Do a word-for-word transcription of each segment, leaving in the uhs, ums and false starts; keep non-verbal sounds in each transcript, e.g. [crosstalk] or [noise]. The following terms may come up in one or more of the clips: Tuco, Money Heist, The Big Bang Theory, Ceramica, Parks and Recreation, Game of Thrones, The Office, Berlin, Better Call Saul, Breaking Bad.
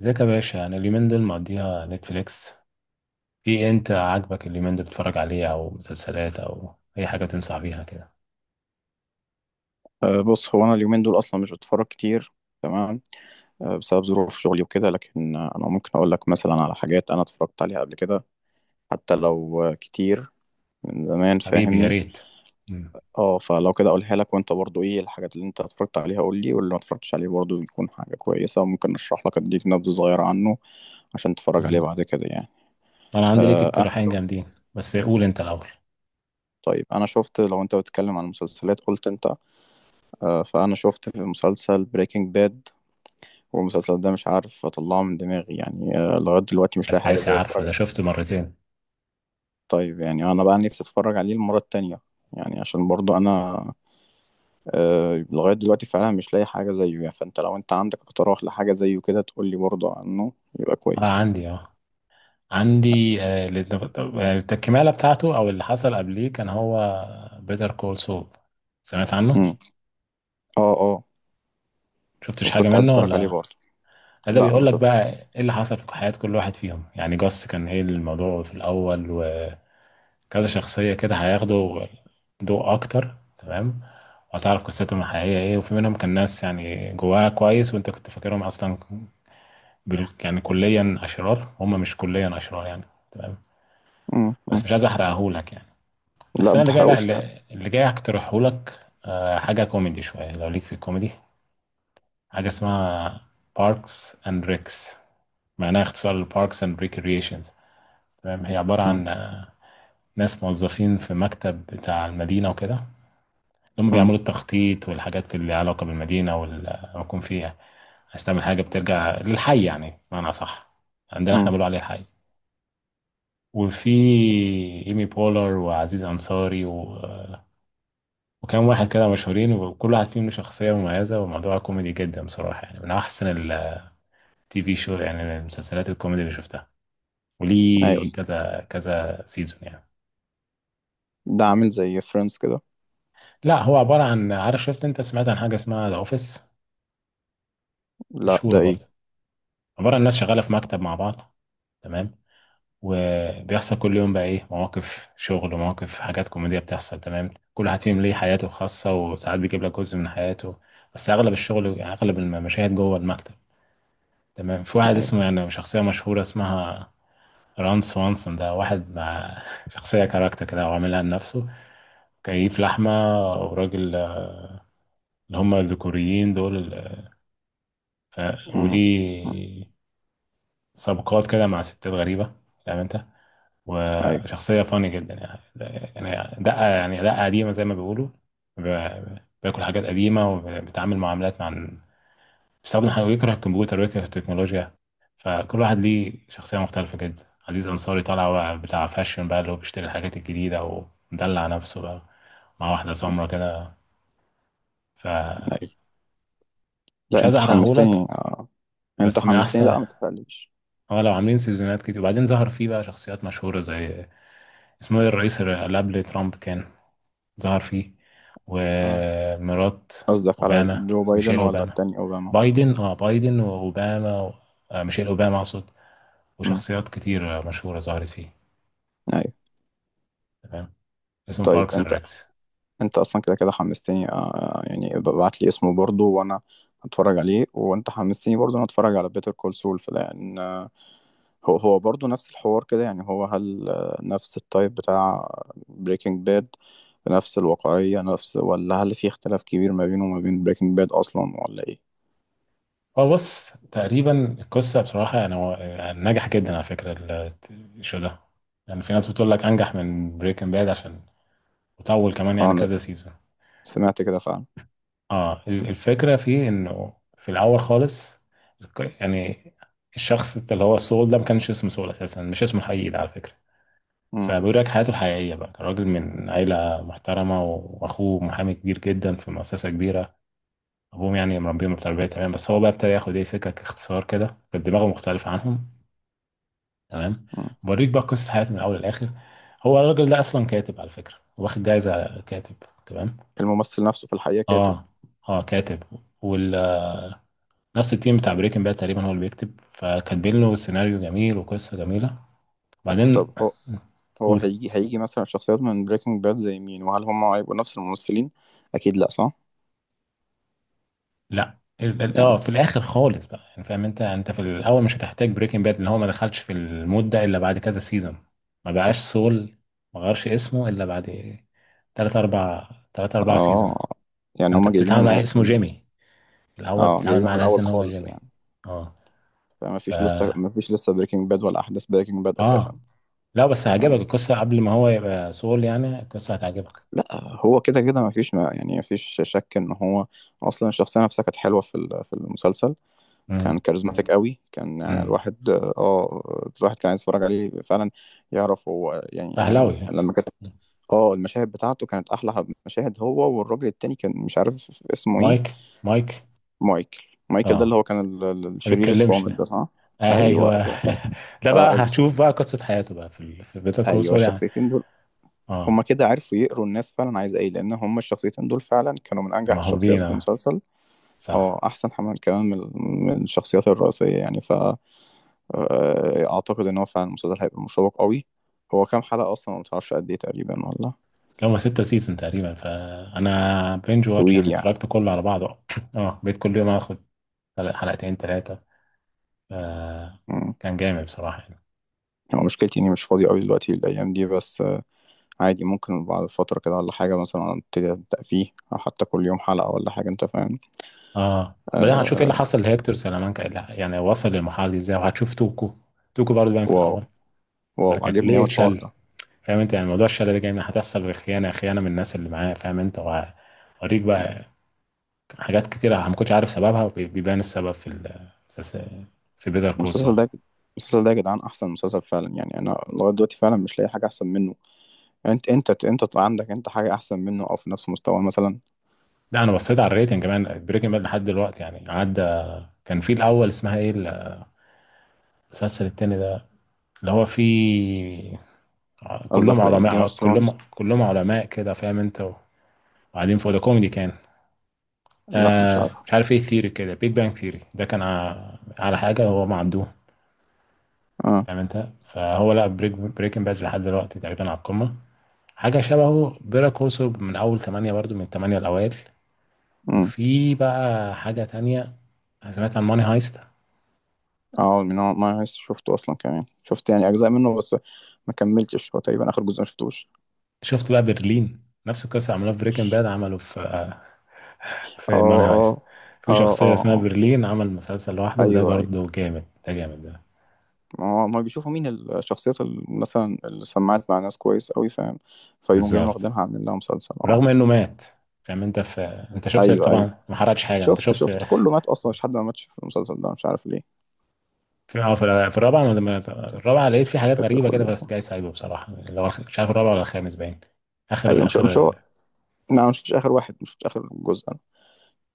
ازيك يا باشا؟ انا اليومين دول مقضيها نتفليكس. ايه انت عاجبك اليومين دول بتتفرج عليه او مسلسلات او اي حاجه تنصح بيها كده؟ أه بص هو انا اليومين دول اصلا مش بتفرج كتير. تمام. أه بسبب ظروف شغلي وكده، لكن آه، انا ممكن اقول لك مثلا على حاجات انا اتفرجت عليها قبل كده، حتى لو آه، كتير من زمان، حبيبي يا فاهمني. ريت. مم. اه فلو كده اقولها لك، وانت برضو ايه الحاجات اللي انت اتفرجت عليها قول لي، واللي ما اتفرجتش عليه برضو يكون حاجة كويسة وممكن اشرح لك، اديك نبذة صغيرة عنه عشان تتفرج عليه مم. بعد كده يعني. انا عندي ليك أه انا اقتراحين شفت. جامدين، بس قول انت الاول. طيب انا شفت، لو انت بتتكلم عن المسلسلات قلت انت. أه فانا شفت في مسلسل بريكنج باد، والمسلسل ده مش عارف اطلعه من دماغي يعني، آه، لغاية دلوقتي مش لاقي حاجة اساسي، زي اتفرج عارفه ده عليه. شفته مرتين. طيب يعني انا بقى نفسي اتفرج عليه المرة التانية، يعني عشان برضو انا آه، لغاية دلوقتي فعلا مش لاقي حاجة زيه يعني، فانت لو انت عندك اقتراح لحاجة زيه كده تقول لي برضو عنه يبقى اه كويس. عندي، اه عندي آه لت- آه، التكمله بتاعته او اللي حصل قبليه كان هو بيتر كول سول. سمعت عنه؟ امم. اه اه شفتش حاجه وكنت عايز منه اتفرج عليه ولا؟ برضو. ده لا، ما بيقول لك شفتش. بقى ايه اللي حصل في حياة كل واحد فيهم، يعني جاس كان ايه الموضوع في الاول وكذا. شخصية كده هياخدوا ضوء اكتر، تمام؟ وهتعرف قصتهم الحقيقية ايه، وفي منهم كان ناس يعني جواها كويس وانت كنت فاكرهم اصلا بال... يعني كليا اشرار، هم مش كليا اشرار يعني. تمام. امم. بس أمم. مش عايز احرقهولك يعني. لا بس انا ما اللي جاي، لا تحرقوش، لا. اللي, اللي جاي هقترحهولك آه، حاجة كوميدي شوية لو ليك في الكوميدي. حاجة اسمها باركس اند ريكس، معناها اختصار لباركس اند ريكريشنز. تمام، هي عبارة امم. عن آه، ناس موظفين في مكتب بتاع المدينة وكده، اللي هم امم. بيعملوا التخطيط والحاجات اللي ليها علاقة بالمدينة والمكون فيها. عايز تعمل حاجة بترجع للحي، يعني بمعنى صح، عندنا احنا أمم. بنقول عليه الحي. وفي ايمي بولر وعزيز أنصاري و... وكان واحد كده مشهورين، وكل واحد فيهم له شخصية مميزة، وموضوع كوميدي جدا بصراحة، يعني من أحسن التي في شو، يعني من المسلسلات الكوميدي اللي شفتها، ايوه. وليه كذا كذا سيزون يعني. ده عامل زي فريندز كده؟ لا، هو عبارة عن، عارف شفت انت، سمعت عن حاجة اسمها ذا اوفيس؟ لا، مشهورة ده ايه؟ برضه. عبارة عن ناس شغالة في مكتب مع بعض، تمام؟ وبيحصل كل يوم بقى ايه مواقف شغل ومواقف حاجات كوميدية بتحصل، تمام. كل واحد فيهم ليه حياته الخاصة وساعات بيجيب لك جزء من حياته، بس اغلب الشغل يعني اغلب المشاهد جوه المكتب، تمام. في واحد ايوه. اسمه، يعني شخصية مشهورة اسمها ران سوانسون، ده واحد مع [laughs] شخصية كاركتر كده وعاملها لنفسه. كيف لحمة، وراجل، اللي هم الذكوريين دول، ف... أمم. وليه سابقات كده مع ستات غريبة، فاهم انت؟ ايوه، وشخصية فاني جدا يعني، يعني دقة، يعني دقة قديمة زي ما بيقولوا. ب- بياكل حاجات قديمة، وبيتعامل معاملات مع، بيستخدم حاجة، ويكره الكمبيوتر ويكره التكنولوجيا. فكل واحد ليه شخصية مختلفة جدا. عزيز أنصاري طالع بقى بتاع فاشن بقى، اللي هو بيشتري الحاجات الجديدة ومدلع نفسه بقى مع واحدة سمرا كده. فمش ايوه. لا، عايز انت حمستني أحرقهولك، آه. يعني انت بس من حمستني، أحسن. لا ما تفعليش. اه لو عاملين سيزونات كتير، وبعدين ظهر فيه بقى شخصيات مشهورة زي، اسمه ايه، الرئيس اللي قبل ترامب كان ظهر فيه، اه. ومرات قصدك على اوباما، جو بايدن، ميشيل ولا اوباما. التاني اوباما؟ بايدن، اه بايدن واوباما و... آه ميشيل اوباما اقصد، امم. وشخصيات كتير آه، مشهورة ظهرت فيه. ايوه. تمام، اسمه طيب باركس اند انت، ريكس. انت اصلا كده كده حمستني آه، يعني ابعت لي اسمه برضو، وانا هتفرج عليه. وانت حمستني برضو انا اتفرج على بيتر كول سول، لان آه، هو هو برضو نفس الحوار كده يعني، هو هل آه، نفس التايب بتاع بريكنج باد، نفس الواقعية، نفس ولا هل في اختلاف كبير ما بينه وما بين بريكنج باد اصلا، ولا ايه؟ هو بص، تقريبا القصة بصراحة يعني، هو آه، نجح جدا على فكرة ال- الشو ده. يعني في ناس بتقول لك انجح من بريكنج باد، عشان وطول كمان اه، يعني انا كذا سيزون. سمعت كده فعلا. اه ال- الفكرة في انه في الاول خالص، ك- يعني الشخص اللي هو سول ده ما كانش اسمه سول اساسا، مش اسمه الحقيقي ده على فكرة. امم. فبيقول لك حياته الحقيقية بقى، كان راجل من عيلة محترمة و- واخوه محامي كبير جدا في مؤسسة كبيرة. ابوهم يعني مربيهم بتربية، تمام؟ بس هو بقى ابتدى ياخد ايه سكك اختصار كده، كانت دماغه مختلفة عنهم. تمام، امم. بوريك بقى قصة حياته من الاول للاخر. هو الراجل ده اصلا كاتب على فكرة، واخد جايزة كاتب. تمام. الممثل نفسه في الحقيقة كاتب؟ اه، اه كاتب. وال، نفس التيم بتاع بريكنج باد تقريبا هو اللي بيكتب، فكاتبين له سيناريو جميل وقصه جميله. طب وبعدين هو، هو قول. هيجي هيجي مثلا شخصيات من بريكنج باد زي مين؟ وهل هم هيبقوا نفس الممثلين؟ اكيد لا، صح؟ لا، ال- ال- اه يعني في الاخر خالص بقى، يعني فاهم انت؟ انت في الاول مش هتحتاج بريكنج باد، ان هو ما دخلش في المود ده الا بعد كذا سيزون. ما بقاش سول، ما غيرش اسمه الا بعد تلات اربع، تلات اربع سيزون. اه، يعني فانت هم جايبينهم بتتعامل مع من اسمه من- جيمي الاول، اه بتتعامل جايبينهم مع من ناس الاول ان هو خالص جيمي. يعني؟ اه، فما ف، فيش لسه، ما فيش لسه بريكنج باد ولا احداث بريكنج باد اه، اساسا؟ لا بس آه. هيعجبك القصه قبل ما هو يبقى سول، يعني القصه هتعجبك. لا هو كده كده ما فيش، ما يعني ما فيش شك ان هو اصلا الشخصيه نفسها كانت حلوه في ال- في المسلسل. كان مم. كاريزماتيك قوي كان، يعني امم، الواحد اه الواحد كان عايز يتفرج عليه فعلا، يعرف هو يعني، يعني اهلاوي يعني. لما كانت اه المشاهد بتاعته كانت احلى مشاهد. هو والراجل التاني كان مش عارف اسمه ايه. مايك، مايك. مايكل. مايكل ده اللي هو اه، كان ال- ال- ما الشرير بيتكلمش الصامت ده، ده، صح؟ ايوه ايوه. [laughs] ده. ده بقى فالشخص، هتشوف بقى قصة حياته بقى في ال... في بيتر كول ايوه سول يعني. الشخصيتين دول اه هما كده عرفوا يقروا الناس فعلا عايزه ايه، لان هما الشخصيتين دول فعلا كانوا من انجح الشخصيات المحبوبين، في اه المسلسل. اه، صح. احسن حمل كمان من من الشخصيات الرئيسيه يعني، ف آه، اعتقد ان هو فعلا المسلسل هيبقى مشوق قوي. هو كام حلقة اصلا، ما بتعرفش قد ايه تقريبا والله؟ هما ستة سيزون تقريبا، فانا بينج واتش طويل يعني يعني. اتفرجت كله على بعضه. [coughs] اه بقيت كل يوم اخد حلق- حلقتين ثلاثة. آه. مم. كان جامد بصراحة يعني. هو مشكلتي اني مش فاضي قوي دلوقتي الايام دي، بس آه، عادي ممكن بعد فترة كده ولا حاجة مثلا ابتدي ابدأ فيه، او حتى كل يوم حلقة ولا حاجة، انت فاهم. اه بعدين هتشوف ايه اللي آه. حصل لهيكتور سلامانكا، إيه اللي، يعني وصل للمرحلة دي ازاي، وهتشوف توكو. توكو برضه باين في واو. الاول. خد واو، بالك يعني عجبني ليه اوي الحوار اتشل، ده. فاهم انت؟ يعني موضوع الشلل ده جاي من، هتحصل بخيانه، خيانه من الناس اللي معاه، فاهم انت؟ وهوريك بقى حاجات كتيره ما كنتش عارف سببها، وبيبان السبب في ال- في بيتر كول المسلسل سول. ده، المسلسل ده يا جدعان احسن مسلسل فعلا يعني، انا لغايه دلوقتي فعلا مش لاقي حاجه احسن منه. انت، انت انت طلع عندك انت حاجه احسن منه او في نفس مستواه مثلا؟ لا انا بصيت على الريتنج كمان، بريكنج باد لحد دلوقتي يعني عدى. كان في الاول اسمها ايه، المسلسل التاني ده اللي هو فيه كلهم قصدك على ايه، جيم علماء، اوف كلهم ثرونز؟ كلهم علماء كده فاهم انت، وقاعدين فوق، ده كوميدي كان. لا، مش عارف. آه مش عارف ايه ثيري كده، بيج بانج ثيري، ده كان ع- على حاجه هو ما عندوش، آه. فاهم انت؟ فهو لا، بريك بريكنج باد لحد دلوقتي تقريبا على القمه. حاجه شبهه بيرا كورسو، من اول ثمانية برضو، من الثمانية الاوائل. امم. وفي بقى حاجه تانية. أنا سمعت عن ماني هايست، اه، من هو ما شفته اصلا كمان. شفت يعني اجزاء منه بس، ما كملتش. هو تقريبا اخر جزء ما شفتوش. شفت بقى برلين؟ نفس القصه عملوها في بريكنج باد، عملوا في آه، اه في ماني هايست اه في اه. شخصيه اه. اسمها اه برلين، عمل مسلسل لوحده، وده ايوه، ايوه. برضو جامد ده، جامد ده. ما هو ما بيشوفوا مين الشخصيات اللي مثلا اللي سمعت مع ناس كويس قوي، فاهم، فيقوم جايين بالظبط، واخدينها عاملين لها مسلسل. اه. ورغم انه مات، فاهم انت؟ في، انت شفت ايوه، ايوه. طبعا، ما حرقتش حاجه، انت شفت، شفت. شفت [laughs] كله مات اصلا. مش حد ما ماتش في المسلسل ده، مش عارف ليه. في اه في الر- في الرابعه انا لما، بس، الرابعه لقيت في حاجات بس غريبه كده، كله. فكنت جاي سايبه بصراحه لو أخ- مش عارف الرابعه ولا الخامس باين. ايوه، اخر، مش مش اخر. هو. لا، ما مش شفتش اخر واحد، مش شفتش اخر جزء.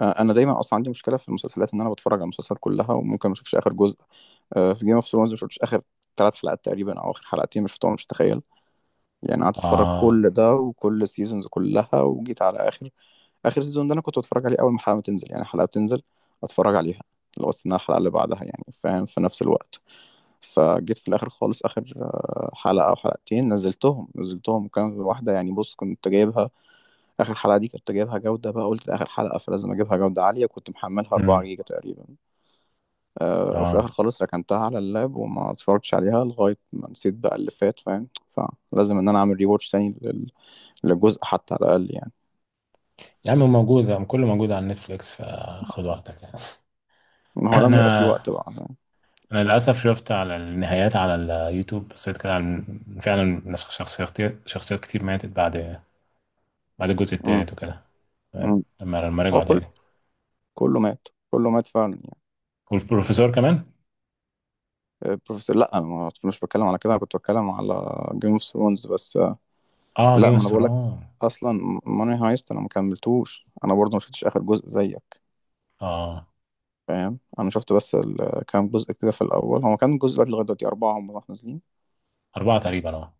آه، انا دايما اصلا عندي مشكله في المسلسلات، ان انا بتفرج على المسلسل كلها وممكن ما اشوفش اخر جزء. آه، في جيم اوف ثرونز ما شفتش اخر ثلاث حلقات تقريبا، او اخر حلقتين مش شفتهم، مش تخيل. يعني قعدت اتفرج اه، كل ده وكل السيزونز كلها، وجيت على اخر، اخر سيزون ده انا كنت بتفرج عليه اول ما الحلقه ما تنزل. يعني الحلقه بتنزل اتفرج عليها، لو استنى الحلقه اللي بعدها يعني، فاهم، في نفس الوقت. فجيت في الاخر خالص، اخر آه، حلقه او حلقتين نزلتهم، نزلتهم كان واحده. يعني بص، كنت جايبها، اخر حلقه دي كنت جايبها جوده بقى، قلت ده اخر حلقه فلازم اجيبها جوده عاليه، كنت محملها امم، اربعة جيجا تقريبا. أه، وفي الاخر اه. خالص ركنتها على اللاب وما اتفرجتش عليها لغايه ما نسيت بقى اللي فات، فاهم. فلازم ان انا اعمل ريواتش تاني لل- للجزء حتى على الاقل يعني. يا عم موجود، كله موجود على نتفليكس، فخد وقتك يعني. ما [clears throat] هو لما يبقى في انا، وقت بقى، فاهم. انا للاسف شفت على النهايات على اليوتيوب، بصيت كده على، فعلا ناس- شخصيات، شخصيات كتير ماتت بعد، بعد الجزء أمم. التالت وكده. تمام، أمم. لما لما هو رجعوا كل، تاني كله مات، كله مات فعلا يعني. والبروفيسور كمان. آه، بروفيسور لا، أنا ما- مش بتكلم على كده، انا كنت بتكلم على جيم اوف ثرونز بس. آه، اه لا جيم ما اوف انا بقول لك، ثرونز. اصلا ماني هايست انا ما كملتوش، انا برضه ما شفتش اخر جزء زيك، اه فاهم. انا شفت بس ال- كام جزء كده في الاول. هو كان جزء بقى لغايه دلوقتي اربعه هم راح نازلين. اربعه تقريبا. اه،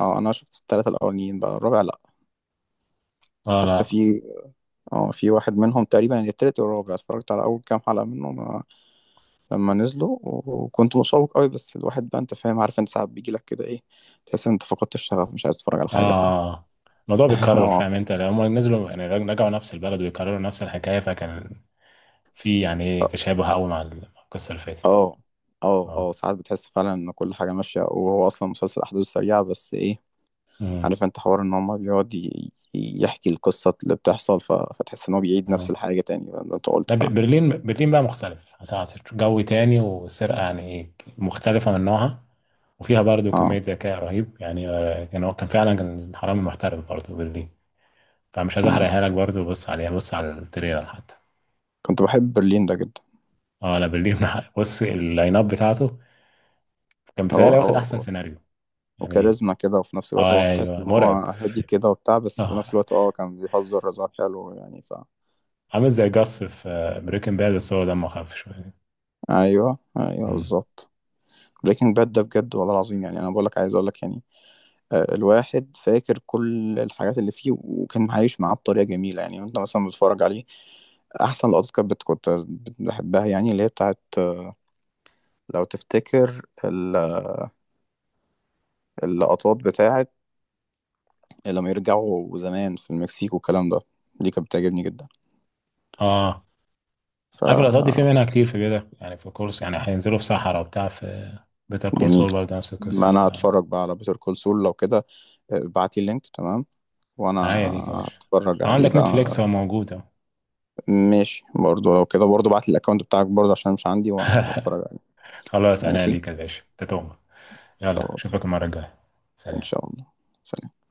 اه، انا شفت الثلاثه الاولانيين، بقى الرابع لا. اه حتى لا. في، اه في واحد منهم تقريبا يعني التالت والرابع، اتفرجت على اول كام حلقه منهم آه، لما نزلوا و- وكنت متشوق قوي، بس الواحد بقى انت فاهم، عارف انت ساعات بيجي لك كده ايه، تحس ان انت فقدت الشغف، مش عايز تتفرج على حاجه. ف اه الموضوع [laughs] بيتكرر، اه. فاهم انت؟ لما نزلوا يعني رجعوا نفس البلد ويكرروا نفس الحكايه، فكان في يعني ايه، تشابه قوي مع القصه اللي فاتت. اه اه. اه، اه، ساعات بتحس فعلا ان كل حاجه ماشيه، وهو اصلا مسلسل احداثه سريعه، بس ايه، امم. عارف انت حوار ان هما بيقعد ي- يحكي القصة اللي بتحصل، ف... فتحس ان هو بيعيد نفس اه الحاجة تاني، فده انت قلت لا، ب- فعلا. برلين، برلين بقى مختلف، هتعطي جو تاني، والسرقه يعني ايه، مختلفه من نوعها، وفيها برضو اه. كميه ذكاء رهيب يعني. آه، كان هو كان فعلا كان حرامي محترف برضو، برلين. فمش عايز مم. احرقها لك برضو، بص عليها، بص على التريلر حتى. كنت بحب برلين ده جدا. اه لا برلين. [laughs] بص اللاين اب بتاعته، كان هو بتهيألي واخد هو احسن هو سيناريو يعني. وكاريزما كده، وفي نفس الوقت اه هو كنت تحس ايوه، ان هو مرعب. هادي كده وبتاع، بس في نفس اه الوقت اه كان بيهزر هزار حلو يعني. ف عامل زي جاس في بريكنج باد، بس هو دمه خف شويه. ايوه، ايوه مم. بالظبط. بريكنج باد ده بجد والله العظيم يعني، انا بقول لك عايز اقول لك يعني، آه، الواحد فاكر كل الحاجات اللي فيه، وكان عايش معاه بطريقة جميلة يعني، وانت مثلا بتتفرج عليه. أحسن لقطات كانت بت- كنت بحبها، يعني اللي هي بتاعت، لو تفتكر ال- اللقطات بتاعت لما يرجعوا زمان في المكسيك والكلام ده، دي كانت بتعجبني جدا، اه عارف اللقطات دي في فجميل. منها كتير في بيتر، يعني في كورس يعني هينزلوا في صحراء وبتاع، في بيتر كول سول برضه نفس القصه. ما أنا هتفرج بقى على بيتر كول سول لو كده، ابعتلي اللينك تمام، وأنا فعناية ليك يا باشا، هتفرج لو عليه عندك نتفليكس بقى. هو موجود اهو. ماشي، برضو لو كده برضو بعت الأكونت بتاعك برضو عشان مش عندي، وأنا- وأتفرج عليه. [laughs] خلاص، عناية ماشي. ليك يا باشا، انت تؤمر. يلا، خلاص. اشوفك المره الجايه. إن سلام. شاء الله. سلام.